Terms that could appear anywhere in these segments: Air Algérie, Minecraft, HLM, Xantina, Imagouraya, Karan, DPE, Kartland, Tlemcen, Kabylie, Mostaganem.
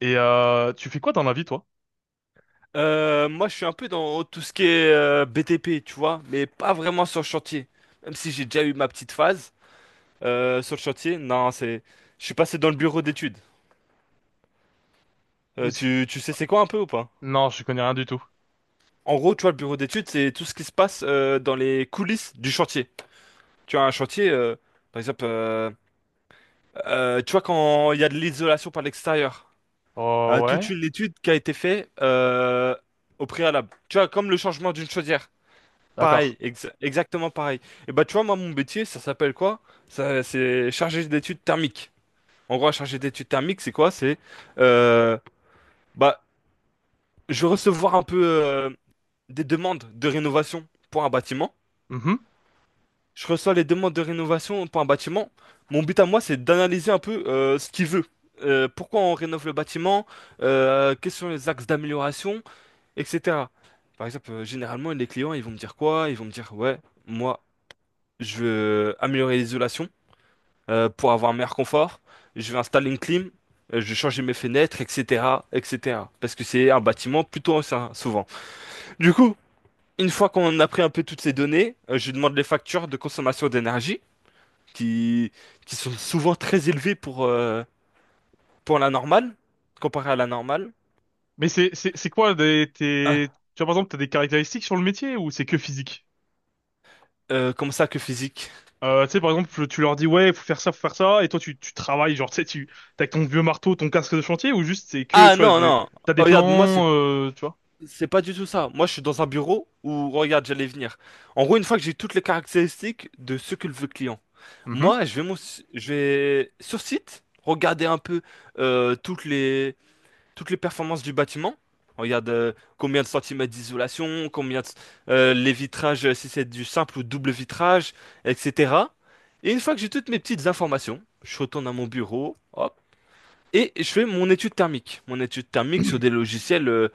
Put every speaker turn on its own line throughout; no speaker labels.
Et tu fais quoi dans la vie, toi?
Moi, je suis un peu dans tout ce qui est BTP, tu vois, mais pas vraiment sur le chantier. Même si j'ai déjà eu ma petite phase sur le chantier, non, je suis passé dans le bureau d'études. Euh,
Parce que-
tu, tu sais c'est quoi un peu ou pas?
Non, je connais rien du tout.
En gros, tu vois, le bureau d'études, c'est tout ce qui se passe dans les coulisses du chantier. Tu as un chantier, par exemple, euh, tu vois quand il y a de l'isolation par l'extérieur.
Oh
Toute
ouais?
une étude qui a été faite au préalable. Tu vois, comme le changement d'une chaudière.
D'accord.
Pareil, exactement pareil. Et bah tu vois, moi mon métier, ça s'appelle quoi? Ça, c'est chargé d'études thermiques. En gros, chargé d'études thermiques, c'est quoi? C'est euh, bah je vais recevoir un peu des demandes de rénovation pour un bâtiment.
Mhm.
Je reçois les demandes de rénovation pour un bâtiment. Mon but à moi, c'est d'analyser un peu ce qu'il veut. Pourquoi on rénove le bâtiment? Quels sont les axes d'amélioration, etc. Par exemple, généralement, les clients, ils vont me dire quoi? Ils vont me dire, ouais, moi, je veux améliorer l'isolation, pour avoir un meilleur confort. Je vais installer une clim, je vais changer mes fenêtres, etc., etc. Parce que c'est un bâtiment plutôt ancien, souvent. Du coup, une fois qu'on a pris un peu toutes ces données, je demande les factures de consommation d'énergie, qui, qui sont souvent très élevées pour la normale, comparé à la normale.
Mais c'est quoi des tes
Ah,
tu vois par exemple t'as des caractéristiques sur le métier ou c'est que physique?
comment ça que physique?
Tu sais par exemple tu leur dis ouais faut faire ça et toi tu travailles genre tu sais tu t'as ton vieux marteau ton casque de chantier ou juste c'est que
Ah
tu vois
non,
du
non.
t'as des
Oh, regarde, moi, c'est...
plans tu vois?
C'est pas du tout ça. Moi, je suis dans un bureau où, regarde, j'allais venir. En gros, une fois que j'ai toutes les caractéristiques de ce que veut le client,
Mhm.
moi, je vais, je vais sur site regarder un peu euh, toutes les, toutes les performances du bâtiment. Regarde combien de centimètres d'isolation, les vitrages, si c'est du simple ou double vitrage, etc. Et une fois que j'ai toutes mes petites informations, je retourne à mon bureau, hop, et je fais mon étude thermique. Mon étude thermique sur des logiciels,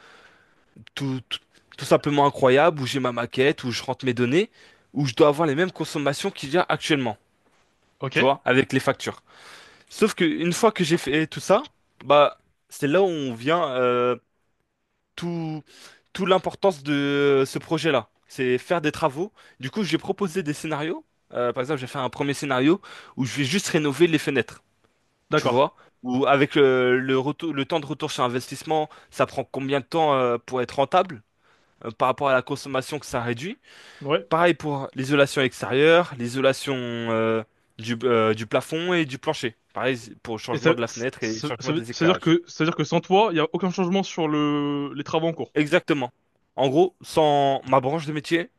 tout, tout, tout simplement incroyable, où j'ai ma maquette, où je rentre mes données, où je dois avoir les mêmes consommations qu'il y a actuellement,
Ok.
tu vois, avec les factures. Sauf que une fois que j'ai fait tout ça, bah c'est là où on vient tout, tout l'importance de ce projet-là. C'est faire des travaux. Du coup, j'ai proposé des scénarios. Par exemple, j'ai fait un premier scénario où je vais juste rénover les fenêtres, tu
D'accord.
vois. Ou avec le temps de retour sur investissement, ça prend combien de temps pour être rentable, par rapport à la consommation que ça réduit?
Ouais.
Pareil pour l'isolation extérieure, l'isolation du plafond et du plancher. Pareil pour le
Et
changement
ça
de la fenêtre et le
ça
changement des
ça veut dire
éclairages.
que ça veut dire que sans toi il y a aucun changement sur le les travaux en cours.
Exactement. En gros, sans ma branche de métier,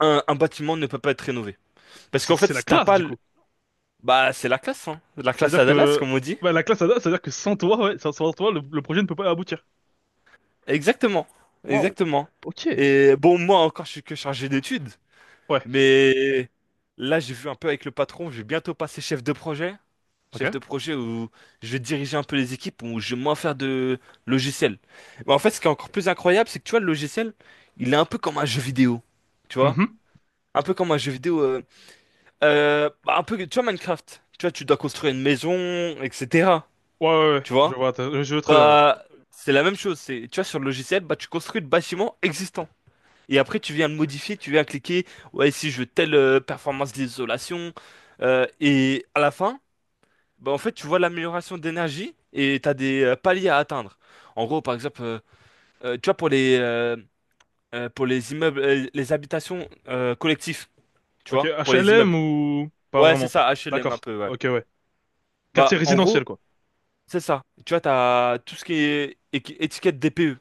un bâtiment ne peut pas être rénové.
Oh,
Parce
C'est
qu'en fait,
c'est la
si t'as
classe
pas...
du coup.
Bah, c'est la classe, hein. La
Ça veut
classe
dire
à Dallas,
que
comme on dit.
bah, la classe ADA, ça veut dire que sans toi, ouais, sans toi, le projet ne peut pas aboutir.
Exactement.
Waouh.
Exactement.
Ok.
Et bon, moi encore, je suis que chargé d'études.
Ouais.
Mais là, j'ai vu un peu avec le patron, je vais bientôt passer chef de projet.
Ok.
Chef de projet où je vais diriger un peu les équipes, où je vais moins faire de logiciel. Mais en fait, ce qui est encore plus incroyable, c'est que tu vois, le logiciel, il est un peu comme un jeu vidéo. Tu vois?
Mhm.
Un peu comme un jeu vidéo, bah, un peu, tu vois, Minecraft. Tu vois, tu dois construire une maison, etc.
Ouais, ouais, ouais.
Tu vois?
Je vois, je vois très bien, ouais.
Bah, c'est la même chose. C'est, tu vois, sur le logiciel, bah, tu construis le bâtiment existant. Et après, tu viens le modifier, tu viens cliquer, ouais, si je veux telle performance d'isolation. Et à la fin, bah, en fait, tu vois l'amélioration d'énergie et tu as des paliers à atteindre. En gros, par exemple, tu vois, pour les immeubles, les habitations collectives, tu
Ok,
vois, pour les
HLM
immeubles.
ou pas
Ouais, c'est
vraiment.
ça, HLM un
D'accord.
peu, ouais.
Ok, ouais. Quartier
Bah, en
résidentiel,
gros,
quoi.
c'est ça. Tu vois, tu as tout ce qui est étiquette DPE.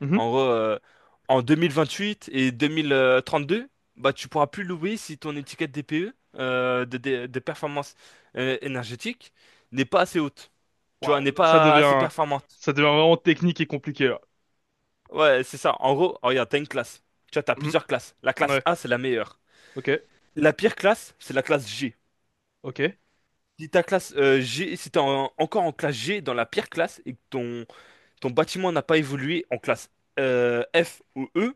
Mhm.
En gros, en huit et 2032, bah, tu pourras plus louer si ton étiquette DPE de performance énergétique n'est pas assez haute. Tu vois,
Waouh,
n'est
là,
pas assez performante.
ça devient vraiment technique et compliqué, là.
Ouais, c'est ça. En gros, oh, regarde, t'as une classe. Tu vois, t'as
Mhm.
plusieurs classes. La classe
Ouais.
A, c'est la meilleure.
Ok.
La pire classe, c'est la classe G.
Ok.
Si ta classe G, si t'es encore en classe G dans la pire classe et que ton bâtiment n'a pas évolué en classe F ou E,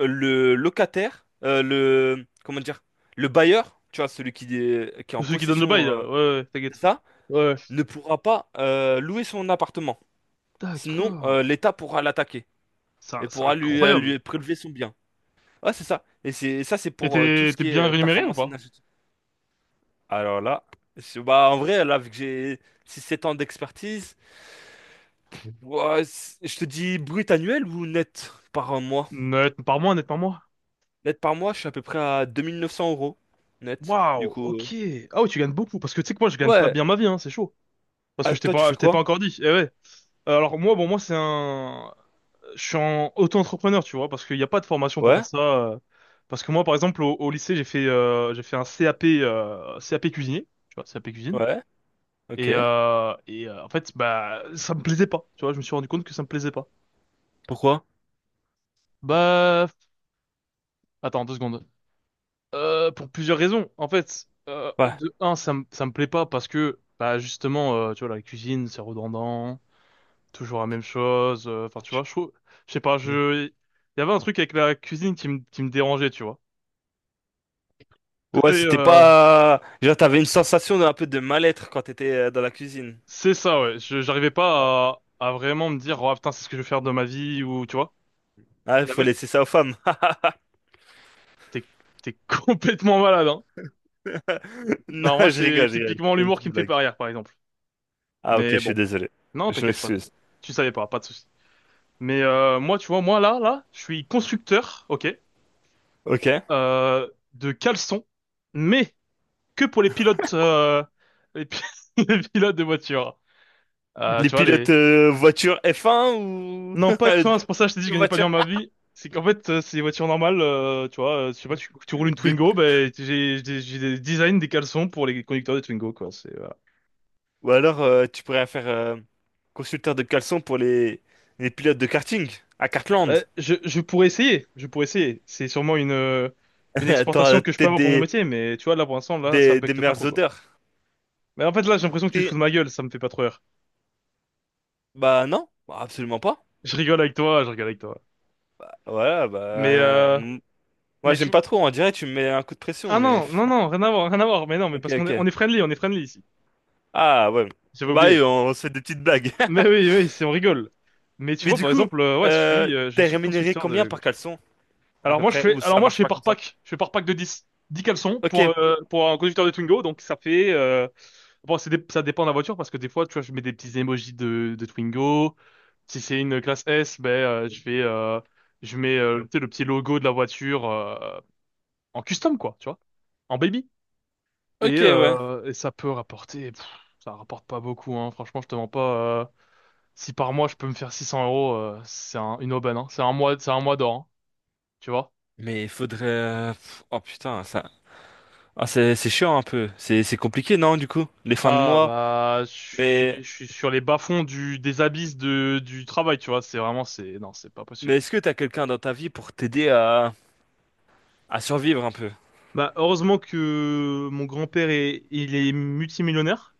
le locataire, comment dire, le bailleur, tu vois, celui qui est en
Celui qui donne le bail,
possession,
là. Ouais, ouais,
c'est
t'inquiète.
ça,
Ouais.
ne pourra pas louer son appartement. Sinon,
D'accord.
l'État pourra l'attaquer et
C'est
pourra lui, euh,
incroyable.
lui prélever son bien. Ouais, c'est ça. Et c'est ça, c'est
Et
pour tout
t'es
ce
t'es
qui est
bien rémunéré ou
performance
pas?
énergétique. Alors là, bah, en vrai, là, vu que j'ai 6-7 ans d'expertise, ouais, je te dis brut annuel ou net par mois?
Net par mois, net par mois.
Net par mois, je suis à peu près à 2 900 € net. Du
Waouh,
coup,
ok. Ah ouais, tu gagnes beaucoup. Parce que tu sais que moi, je gagne pas
ouais.
bien ma vie, hein, c'est chaud. Parce que
Ah, toi, tu fais
je t'ai pas
quoi?
encore dit. Eh ouais. Alors moi, bon, moi, c'est un... Je suis en auto-entrepreneur, tu vois, parce qu'il n'y a pas de formation pour
Ouais,
faire ça. Parce que moi, par exemple, au lycée, j'ai fait un CAP, CAP cuisinier, tu vois, CAP cuisine.
ouais, ok.
En fait, bah, ça me plaisait pas. Tu vois, je me suis rendu compte que ça me plaisait pas.
Pourquoi?
Bah, attends, deux secondes. Pour plusieurs raisons. En fait,
Ouais.
de un, ça me plaît pas parce que bah justement, tu vois, la cuisine, c'est redondant, toujours la même chose. Enfin, tu vois, je trouve- je sais pas,
Hmm.
je il y avait un truc avec la cuisine qui me dérangeait, tu vois. Et
Ouais, c'était
euh,
pas. Genre, t'avais une sensation d'un peu de mal-être quand t'étais dans la cuisine.
c'est ça, ouais. Je j'arrivais pas à vraiment me dire, oh putain, c'est ce que je vais faire de ma vie ou tu vois.
Ah,
Il y
faut
avait
laisser ça aux femmes.
t'es T'es complètement malade, hein.
Non,
Non, moi,
je
c'est
rigole, je rigole.
typiquement
C'était une
l'humour
petite
qui me fait pas
blague.
rire, par exemple.
Ah ok, je
Mais
suis
bon,
désolé.
non,
Je
t'inquiète pas.
m'excuse.
Tu savais pas, pas de souci. Mais moi, tu vois, moi là, je suis constructeur, ok,
Ok.
euh, de caleçons, mais que pour les pilotes, les, pi- les pilotes de voitures. Euh,
Les
tu vois
pilotes
les,
voiture F1 ou
non pas
de
F1, c'est pour ça que je t'ai dit que je gagnais pas
voiture
bien ma vie. C'est qu'en fait, c'est des voitures normales, je sais pas, tu roules une
de...
Twingo, ben j'ai des designs des caleçons pour les conducteurs de Twingo, quoi. C'est, voilà.
Ou alors tu pourrais faire consulteur de caleçon pour les pilotes de karting à Kartland.
Ben, je pourrais essayer, je pourrais essayer. C'est sûrement une exportation
T'auras
que je peux
peut-être
avoir pour mon
des...
métier, mais tu vois là pour l'instant là, ça
Des
becte pas
meilleures
trop, quoi.
odeurs.
Mais en fait, là, j'ai l'impression que tu te fous
Et...
de ma gueule, ça me fait pas trop rire.
bah non, bah, absolument pas.
Je rigole avec toi, je rigole avec toi.
Voilà, bah...
Mais,
euh,
euh,
m- Moi
mais
j'aime
tu...
pas trop, on dirait que tu me mets un coup de pression,
Ah
mais...
non,
pff.
non, non, rien à voir, rien à voir. Mais non, mais
Ok,
parce qu'on
ok.
on est friendly ici.
Ah ouais.
J'avais
Bah
oublié.
oui, on se fait des petites blagues.
Mais oui, oui, on rigole. Mais tu
Mais
vois,
du
par
coup,
exemple, ouais,
euh,
je
t'es
suis
rémunéré
constructeur
combien
de...
par caleçon, à peu près? Ou
Alors
ça
moi je
marche
fais
pas
par
comme ça?
pack, je fais par pack de 10 caleçons
Ok,
pour un conducteur de Twingo donc ça fait bon ça dépend de la voiture parce que des fois tu vois je mets des petits emojis de Twingo. Si c'est une classe S, ben je fais je mets tu sais, le petit logo de la voiture en custom quoi, tu vois, en baby. Et,
ok, ouais.
et ça peut rapporter pff, ça rapporte pas beaucoup hein, franchement je te mens pas si par mois je peux me faire 600 € c'est une aubaine hein. C'est un mois d'or, hein, tu vois.
Mais il faudrait... oh putain, ça... Ah, c'est chiant un peu. C'est compliqué, non, du coup? Les fins de
Ah
mois.
bah
Mais,
je suis sur les bas-fonds du des abysses de du travail, tu vois, c'est vraiment c'est non, c'est pas
mais
possible.
est-ce que t'as quelqu'un dans ta vie pour t'aider à survivre un peu?
Bah heureusement que mon grand-père est il est multimillionnaire,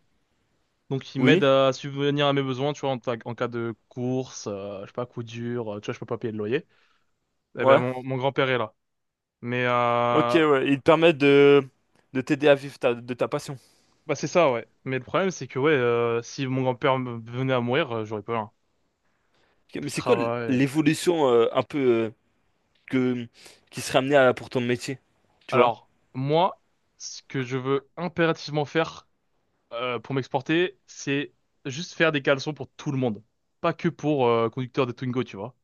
donc il m'aide
Oui?
à subvenir à mes besoins, tu vois, en cas de course, je sais pas, coup dur, tu vois, je peux pas payer le loyer. Eh ben
Ouais.
mon grand-père est là. Mais
Ok,
euh,
ouais. Il te permet de t'aider à vivre de ta passion.
Bah c'est ça ouais. Mais le problème c'est que ouais, si venait à mourir, j'aurais pas rien.
Ok, mais
Plus de
c'est quoi
travail, plus.
l'évolution un peu que... qui serait amenée à... pour ton métier? Tu vois?
Alors, moi, ce que je veux impérativement faire pour m'exporter, c'est juste faire des caleçons pour tout le monde. Pas que pour conducteur de Twingo, tu vois.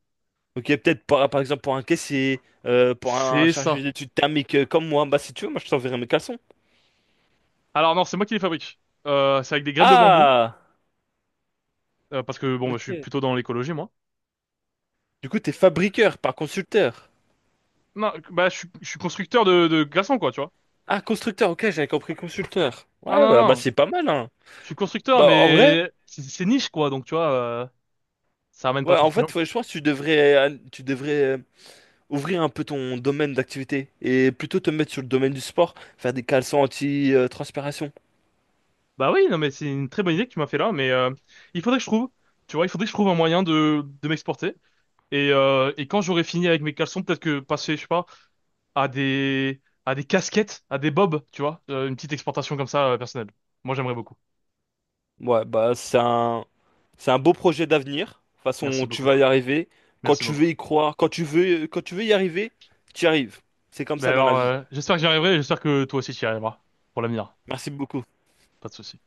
Ok, peut-être par exemple pour un caissier, pour un
C'est
chargé
ça.
d'études thermiques comme moi. Bah si tu veux, moi je t'enverrai mes caleçons.
Alors non, c'est moi qui les fabrique. C'est avec des graines de bambou,
Ah!
parce que bon, bah, je suis
Ok.
plutôt dans l'écologie, moi.
Du coup, t'es fabriqueur, pas consulteur.
Non, bah je suis constructeur de glaçons, quoi, tu vois.
Ah, constructeur, ok, j'avais compris consulteur.
Ah
Ouais,
non,
bah, bah,
non,
c'est pas mal, hein.
je suis constructeur,
Bah en vrai,
mais c'est niche, quoi, donc tu vois, ça ramène pas
ouais,
trop
en
de clients.
fait, ouais, je pense que tu devrais ouvrir un peu ton domaine d'activité et plutôt te mettre sur le domaine du sport, faire des caleçons anti-transpiration.
Bah oui, non, mais c'est une très bonne idée que tu m'as fait là, mais il faudrait que je trouve, tu vois, il faudrait que je trouve un moyen de m'exporter. Et quand j'aurai fini avec mes caleçons, peut-être que passer, je sais pas, à des casquettes, à des bobs, tu vois, une petite exportation comme ça, personnelle. Moi, j'aimerais beaucoup.
Ouais, bah c'est un beau projet d'avenir. De toute
Merci
façon, tu
beaucoup.
vas y arriver. Quand
Merci
tu
beaucoup.
veux y croire, quand tu veux y arriver, tu y arrives. C'est comme
Ben
ça dans la
alors,
vie.
j'espère que j'y arriverai, et j'espère que toi aussi tu y arriveras pour l'avenir.
Merci beaucoup.
Pas de souci.